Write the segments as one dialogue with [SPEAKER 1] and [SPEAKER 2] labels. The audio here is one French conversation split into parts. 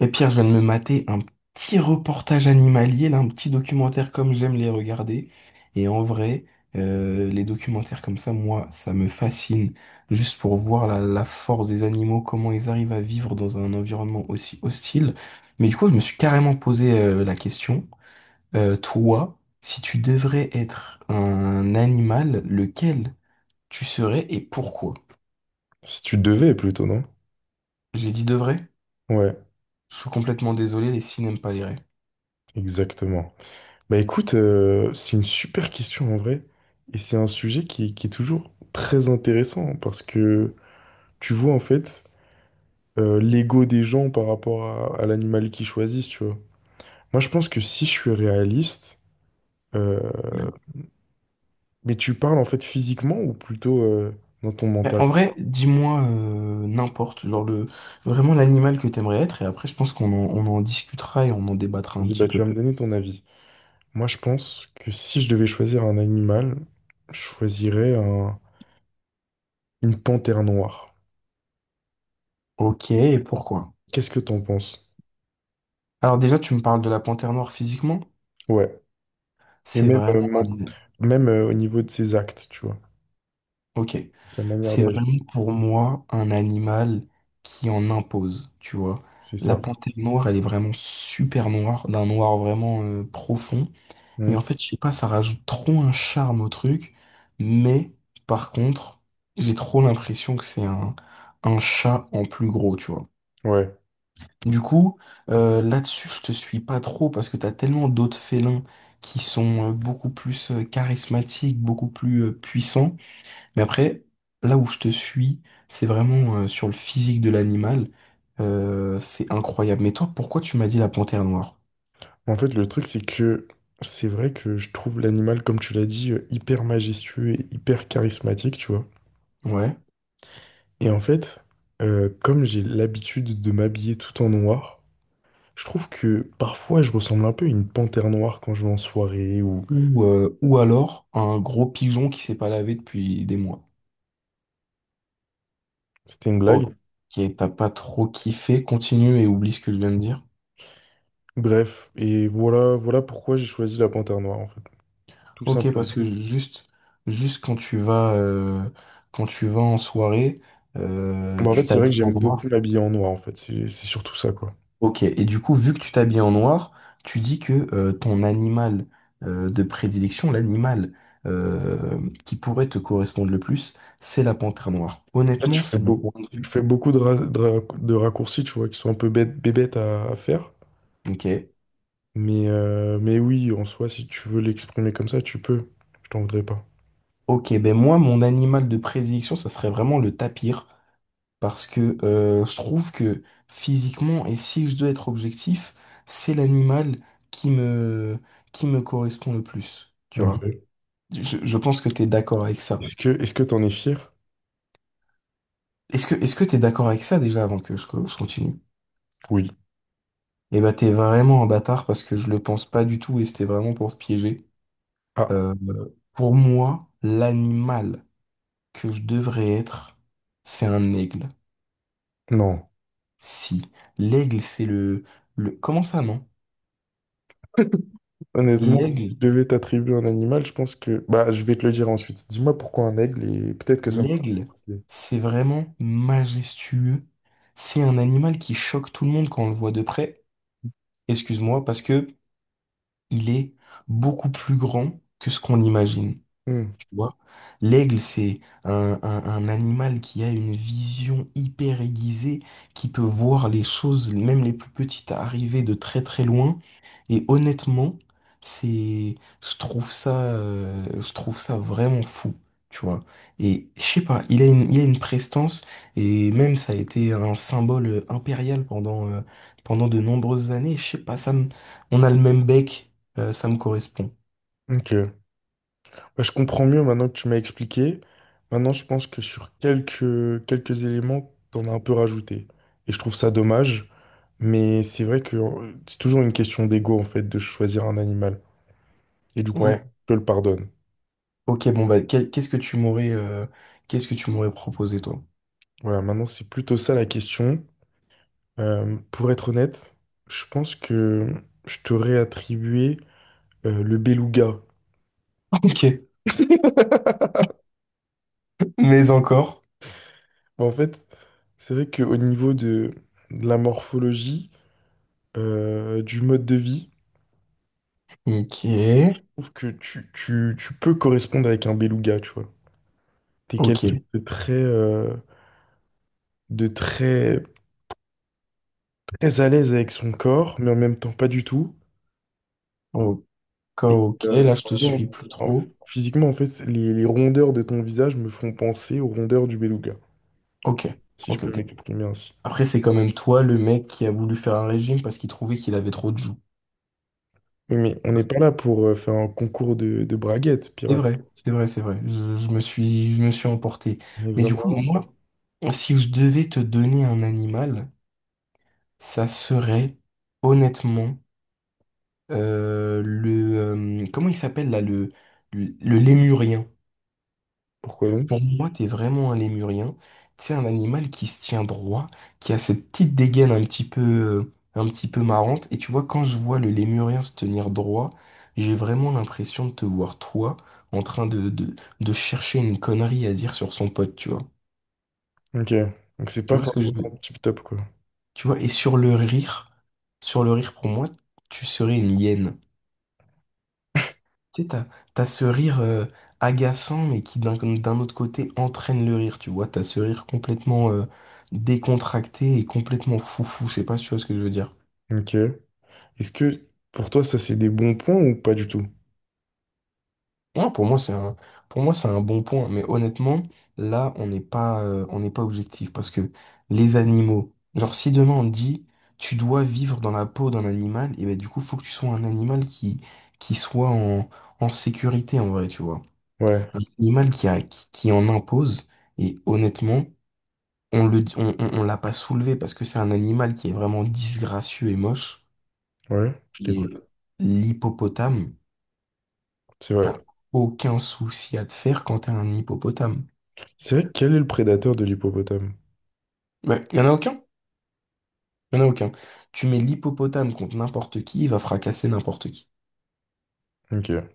[SPEAKER 1] Et Pierre, je viens de me mater un petit reportage animalier, là, un petit documentaire comme j'aime les regarder. Et en vrai, les documentaires comme ça, moi, ça me fascine. Juste pour voir la force des animaux, comment ils arrivent à vivre dans un environnement aussi hostile. Mais du coup, je me suis carrément posé la question, toi, si tu devrais être un animal, lequel tu serais et pourquoi?
[SPEAKER 2] Si tu devais plutôt, non?
[SPEAKER 1] J'ai dit devrait.
[SPEAKER 2] Ouais,
[SPEAKER 1] Je suis complètement désolé, les si n'aiment pas les rêves.
[SPEAKER 2] exactement. Bah écoute, c'est une super question en vrai. Et c'est un sujet qui est toujours très intéressant parce que tu vois en fait l'ego des gens par rapport à l'animal qu'ils choisissent, tu vois. Moi je pense que si je suis réaliste, euh, mais tu parles en fait physiquement ou plutôt dans ton
[SPEAKER 1] Ouais,
[SPEAKER 2] mental?
[SPEAKER 1] en vrai, dis-moi n'importe, genre le vraiment l'animal que t'aimerais être, et après je pense qu'on en discutera et on en débattra
[SPEAKER 2] Je
[SPEAKER 1] un
[SPEAKER 2] dis,
[SPEAKER 1] petit
[SPEAKER 2] bah tu
[SPEAKER 1] peu.
[SPEAKER 2] vas me donner ton avis. Moi je pense que si je devais choisir un animal, je choisirais un- une panthère noire.
[SPEAKER 1] Ok, et pourquoi?
[SPEAKER 2] Qu'est-ce que t'en penses?
[SPEAKER 1] Alors déjà, tu me parles de la panthère noire physiquement,
[SPEAKER 2] Ouais. Et
[SPEAKER 1] c'est
[SPEAKER 2] même,
[SPEAKER 1] vraiment un...
[SPEAKER 2] même au niveau de ses actes, tu vois.
[SPEAKER 1] Ok,
[SPEAKER 2] Sa manière
[SPEAKER 1] c'est
[SPEAKER 2] d'agir.
[SPEAKER 1] vraiment pour moi un animal qui en impose, tu vois.
[SPEAKER 2] C'est
[SPEAKER 1] La
[SPEAKER 2] ça.
[SPEAKER 1] panthère noire, elle est vraiment super noire, d'un noir vraiment profond. Et en
[SPEAKER 2] Mm.
[SPEAKER 1] fait, je sais pas, ça rajoute trop un charme au truc, mais par contre, j'ai trop l'impression que c'est un chat en plus gros, tu vois.
[SPEAKER 2] Ouais.
[SPEAKER 1] Du coup, là-dessus, je te suis pas trop parce que t'as tellement d'autres félins qui sont beaucoup plus charismatiques, beaucoup plus puissants. Mais après, là où je te suis, c'est vraiment sur le physique de l'animal. C'est incroyable. Mais toi, pourquoi tu m'as dit la panthère noire?
[SPEAKER 2] En fait, le truc, c'est que c'est vrai que je trouve l'animal, comme tu l'as dit, hyper majestueux et hyper charismatique, tu vois.
[SPEAKER 1] Ouais.
[SPEAKER 2] Et en fait, comme j'ai l'habitude de m'habiller tout en noir, je trouve que parfois je ressemble un peu à une panthère noire quand je vais en soirée ou
[SPEAKER 1] Ou alors un gros pigeon qui s'est pas lavé depuis des mois.
[SPEAKER 2] c'était une blague.
[SPEAKER 1] Ok, t'as pas trop kiffé, continue et oublie ce que je viens de dire.
[SPEAKER 2] Bref, et voilà, voilà pourquoi j'ai choisi la panthère noire, en fait. Tout
[SPEAKER 1] Ok, parce
[SPEAKER 2] simplement.
[SPEAKER 1] que juste, juste quand tu vas en soirée,
[SPEAKER 2] Bah, en fait,
[SPEAKER 1] tu
[SPEAKER 2] c'est vrai que
[SPEAKER 1] t'habilles en
[SPEAKER 2] j'aime
[SPEAKER 1] noir.
[SPEAKER 2] beaucoup m'habiller en noir, en fait. C'est surtout ça, quoi.
[SPEAKER 1] Ok, et du coup, vu que tu t'habilles en noir, tu dis que ton animal de prédilection, l'animal euh, qui pourrait te correspondre le plus, c'est la panthère noire.
[SPEAKER 2] En fait,
[SPEAKER 1] Honnêtement,
[SPEAKER 2] je fais
[SPEAKER 1] c'est mon
[SPEAKER 2] beau.
[SPEAKER 1] point de
[SPEAKER 2] Je
[SPEAKER 1] vue.
[SPEAKER 2] fais beaucoup de raccourcis, tu vois, qui sont un peu bêtes, bébêtes à faire.
[SPEAKER 1] Ok.
[SPEAKER 2] Mais oui, en soi, si tu veux l'exprimer comme ça, tu peux. Je t'en voudrais pas.
[SPEAKER 1] Ok, ben moi, mon animal de prédilection, ça serait vraiment le tapir, parce que je trouve que physiquement, et si je dois être objectif, c'est l'animal qui me, qui me correspond le plus, tu vois.
[SPEAKER 2] Ok.
[SPEAKER 1] Je pense que t'es d'accord avec ça.
[SPEAKER 2] Est-ce que t'en es fier?
[SPEAKER 1] Est-ce que t'es d'accord avec ça déjà avant que je continue?
[SPEAKER 2] Oui.
[SPEAKER 1] Eh ben, t'es vraiment un bâtard parce que je le pense pas du tout et c'était vraiment pour te piéger.
[SPEAKER 2] Ah,
[SPEAKER 1] Euh, pour moi, l'animal que je devrais être, c'est un aigle.
[SPEAKER 2] non.
[SPEAKER 1] Si. L'aigle, c'est le... Comment ça, non?
[SPEAKER 2] Honnêtement, si je
[SPEAKER 1] L'aigle,
[SPEAKER 2] devais t'attribuer un animal, je pense que... Bah, je vais te le dire ensuite. Dis-moi pourquoi un aigle et peut-être que ça me fera...
[SPEAKER 1] l'aigle, c'est vraiment majestueux. C'est un animal qui choque tout le monde quand on le voit de près. Excuse-moi, parce que il est beaucoup plus grand que ce qu'on imagine.
[SPEAKER 2] Hmm.
[SPEAKER 1] Tu vois. L'aigle, c'est un animal qui a une vision hyper aiguisée, qui peut voir les choses, même les plus petites, arriver de très très loin. Et honnêtement, c'est, je trouve ça vraiment fou, tu vois. Et je sais pas, il a une prestance, et même ça a été un symbole impérial pendant, pendant de nombreuses années. Je sais pas, on a le même bec, ça me correspond.
[SPEAKER 2] Ok. Bah, je comprends mieux maintenant que tu m'as expliqué. Maintenant, je pense que sur quelques éléments, t'en as un peu rajouté. Et je trouve ça dommage, mais c'est vrai que c'est toujours une question d'ego, en fait, de choisir un animal. Et du coup,
[SPEAKER 1] Ouais.
[SPEAKER 2] je le pardonne.
[SPEAKER 1] Ok, bon, bah, qu'est-ce que tu m'aurais qu'est-ce que tu m'aurais proposé, toi?
[SPEAKER 2] Voilà, maintenant, c'est plutôt ça la question. Pour être honnête, je pense que je t'aurais attribué le beluga.
[SPEAKER 1] Ok, mais encore.
[SPEAKER 2] En fait, c'est vrai qu'au niveau de la morphologie, du mode de vie,
[SPEAKER 1] Ok,
[SPEAKER 2] trouve que tu peux correspondre avec un beluga, tu vois. T'es
[SPEAKER 1] ok,
[SPEAKER 2] quelqu'un de très, de très, très à l'aise avec son corps, mais en même temps pas du tout.
[SPEAKER 1] ok,
[SPEAKER 2] Et
[SPEAKER 1] ok, là, je te
[SPEAKER 2] non,
[SPEAKER 1] suis plus trop.
[SPEAKER 2] physiquement, en fait, les rondeurs de ton visage me font penser aux rondeurs du beluga,
[SPEAKER 1] Ok,
[SPEAKER 2] si je peux
[SPEAKER 1] ok.
[SPEAKER 2] m'exprimer ainsi.
[SPEAKER 1] Après, c'est quand même toi, le mec qui a voulu faire un régime parce qu'il trouvait qu'il avait trop de joues.
[SPEAKER 2] Oui, mais on n'est pas là pour faire un concours de braguettes,
[SPEAKER 1] C'est
[SPEAKER 2] pirate.
[SPEAKER 1] vrai, c'est vrai, c'est vrai. Je me suis emporté.
[SPEAKER 2] On est
[SPEAKER 1] Mais du
[SPEAKER 2] vraiment
[SPEAKER 1] coup,
[SPEAKER 2] là.
[SPEAKER 1] moi, si je devais te donner un animal, ça serait honnêtement le comment il s'appelle là le lémurien.
[SPEAKER 2] Pourquoi donc?
[SPEAKER 1] Pour moi, t'es vraiment un lémurien. Tu sais, un animal qui se tient droit, qui a cette petite dégaine un petit peu marrante. Et tu vois, quand je vois le lémurien se tenir droit, j'ai vraiment l'impression de te voir, toi, en train de chercher une connerie à dire sur son pote, tu vois.
[SPEAKER 2] Ok. Donc c'est
[SPEAKER 1] Tu
[SPEAKER 2] pas
[SPEAKER 1] vois ce que je veux-
[SPEAKER 2] forcément tip-top, quoi.
[SPEAKER 1] Tu vois, et sur le rire, pour moi, tu serais une hyène. Tu sais, t'as ce rire agaçant, mais qui d'un autre côté entraîne le rire, tu vois. T'as ce rire complètement décontracté et complètement foufou, je sais pas si tu vois ce que je veux dire.
[SPEAKER 2] Ok. Est-ce que pour toi, ça c'est des bons points ou pas du tout?
[SPEAKER 1] Non, pour moi, pour moi, c'est un bon point, mais honnêtement, là, on n'est pas objectif, parce que les animaux, genre, si demain on te dit, tu dois vivre dans la peau d'un animal, et ben du coup, faut que tu sois un animal qui soit en sécurité, en vrai, tu vois.
[SPEAKER 2] Ouais.
[SPEAKER 1] Un animal qui en impose, et honnêtement, on le, on l'a pas soulevé parce que c'est un animal qui est vraiment disgracieux et moche.
[SPEAKER 2] Ouais, je
[SPEAKER 1] Et
[SPEAKER 2] t'écoute.
[SPEAKER 1] l'hippopotame,
[SPEAKER 2] C'est vrai.
[SPEAKER 1] t'as aucun souci à te faire quand t'es un hippopotame.
[SPEAKER 2] C'est vrai, quel est le prédateur de l'hippopotame?
[SPEAKER 1] Ouais, y en a aucun? Y en a aucun. Tu mets l'hippopotame contre n'importe qui, il va fracasser n'importe qui.
[SPEAKER 2] Ok.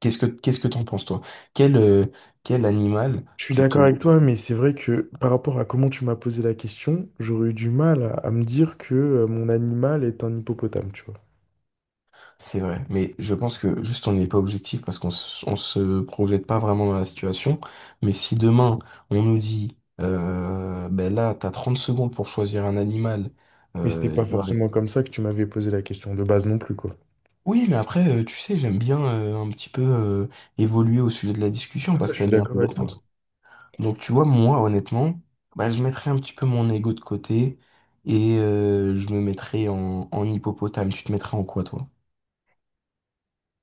[SPEAKER 1] Qu'est-ce que t'en penses, toi? Quel, quel animal
[SPEAKER 2] Je suis
[SPEAKER 1] tu te
[SPEAKER 2] d'accord avec toi, mais c'est vrai que par rapport à comment tu m'as posé la question, j'aurais eu du mal à me dire que mon animal est un hippopotame, tu vois.
[SPEAKER 1] C'est vrai, mais je pense que juste on n'est pas objectif parce on se projette pas vraiment dans la situation. Mais si demain on nous dit, ben là, t'as 30 secondes pour choisir un animal,
[SPEAKER 2] Mais c'était
[SPEAKER 1] euh,
[SPEAKER 2] pas
[SPEAKER 1] tu vas-
[SPEAKER 2] forcément comme ça que tu m'avais posé la question de base non plus, quoi.
[SPEAKER 1] Oui, mais après, tu sais, j'aime bien un petit peu évoluer au sujet de la discussion
[SPEAKER 2] Ça,
[SPEAKER 1] parce
[SPEAKER 2] je suis
[SPEAKER 1] qu'elle est
[SPEAKER 2] d'accord avec toi.
[SPEAKER 1] intéressante. Donc tu vois, moi, honnêtement, bah, je mettrais un petit peu mon ego de côté et je me mettrais en hippopotame. Tu te mettrais en quoi, toi?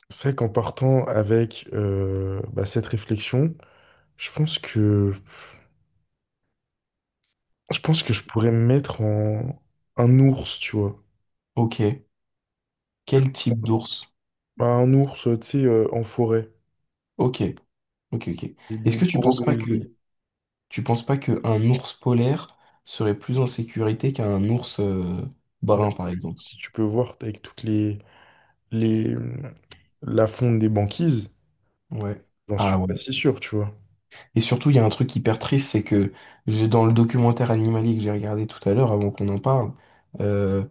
[SPEAKER 2] C'est vrai qu'en partant avec bah, cette réflexion, je pense que je pense que je pourrais me mettre en un ours, tu vois.
[SPEAKER 1] Ok. Quel type d'ours?
[SPEAKER 2] Bah, un ours, tu sais, en forêt.
[SPEAKER 1] Ok. Ok, ok.
[SPEAKER 2] Des,
[SPEAKER 1] Est-ce
[SPEAKER 2] des-
[SPEAKER 1] que
[SPEAKER 2] des gros grizzlies.
[SPEAKER 1] tu penses pas qu'un ours polaire serait plus en sécurité qu'un ours
[SPEAKER 2] Bah,
[SPEAKER 1] brun, par exemple?
[SPEAKER 2] si tu peux voir avec toutes les la fonte des banquises,
[SPEAKER 1] Ouais.
[SPEAKER 2] j'en suis
[SPEAKER 1] Ah ouais.
[SPEAKER 2] pas si sûr, tu vois.
[SPEAKER 1] Et surtout, il y a un truc hyper triste, c'est que j'ai dans le documentaire animalier que j'ai regardé tout à l'heure, avant qu'on en parle, euh,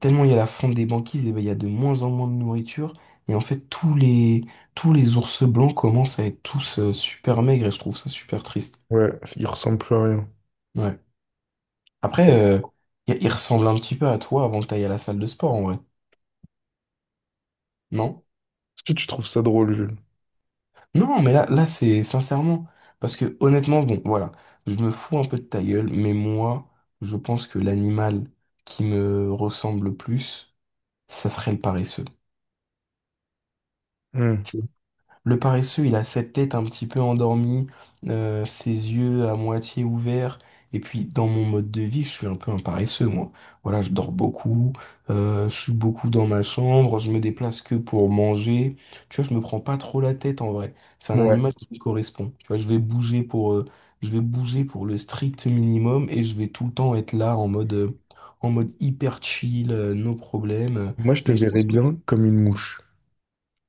[SPEAKER 1] tellement il y a la fonte des banquises, et ben, il y a de moins en moins de nourriture. Et en fait, tous les ours blancs commencent à être tous super maigres, et je trouve ça super triste.
[SPEAKER 2] Ouais, il ressemble plus à rien.
[SPEAKER 1] Ouais. Après, il ressemble un petit peu à toi avant que tu ailles à la salle de sport, en vrai. Non?
[SPEAKER 2] Est-ce que tu trouves ça drôle, Jules?
[SPEAKER 1] Non, mais là, c'est sincèrement. Parce que honnêtement, bon, voilà, je me fous un peu de ta gueule, mais moi, je pense que l'animal qui me ressemble le plus, ça serait le paresseux.
[SPEAKER 2] Hmm.
[SPEAKER 1] Le paresseux, il a cette tête un petit peu endormie, ses yeux à moitié ouverts. Et puis, dans mon mode de vie, je suis un peu un paresseux, moi. Voilà, je dors beaucoup, je suis beaucoup dans ma chambre, je me déplace que pour manger. Tu vois, je me prends pas trop la tête en vrai. C'est un
[SPEAKER 2] Ouais.
[SPEAKER 1] animal qui me correspond. Tu vois, je vais bouger pour, je vais bouger pour le strict minimum et je vais tout le temps être là en mode hyper chill, no problème.
[SPEAKER 2] Moi, je te
[SPEAKER 1] Mais je
[SPEAKER 2] verrais
[SPEAKER 1] pense que
[SPEAKER 2] bien comme une mouche.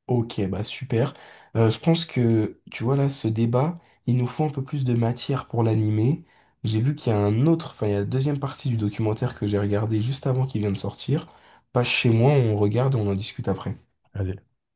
[SPEAKER 1] Ok, bah super. Je pense que, tu vois, là, ce débat, il nous faut un peu plus de matière pour l'animer. J'ai vu qu'il y a un autre, enfin, il y a la deuxième partie du documentaire que j'ai regardé juste avant qu'il vienne de sortir. Passe chez moi, on regarde et on en discute après.
[SPEAKER 2] Allez.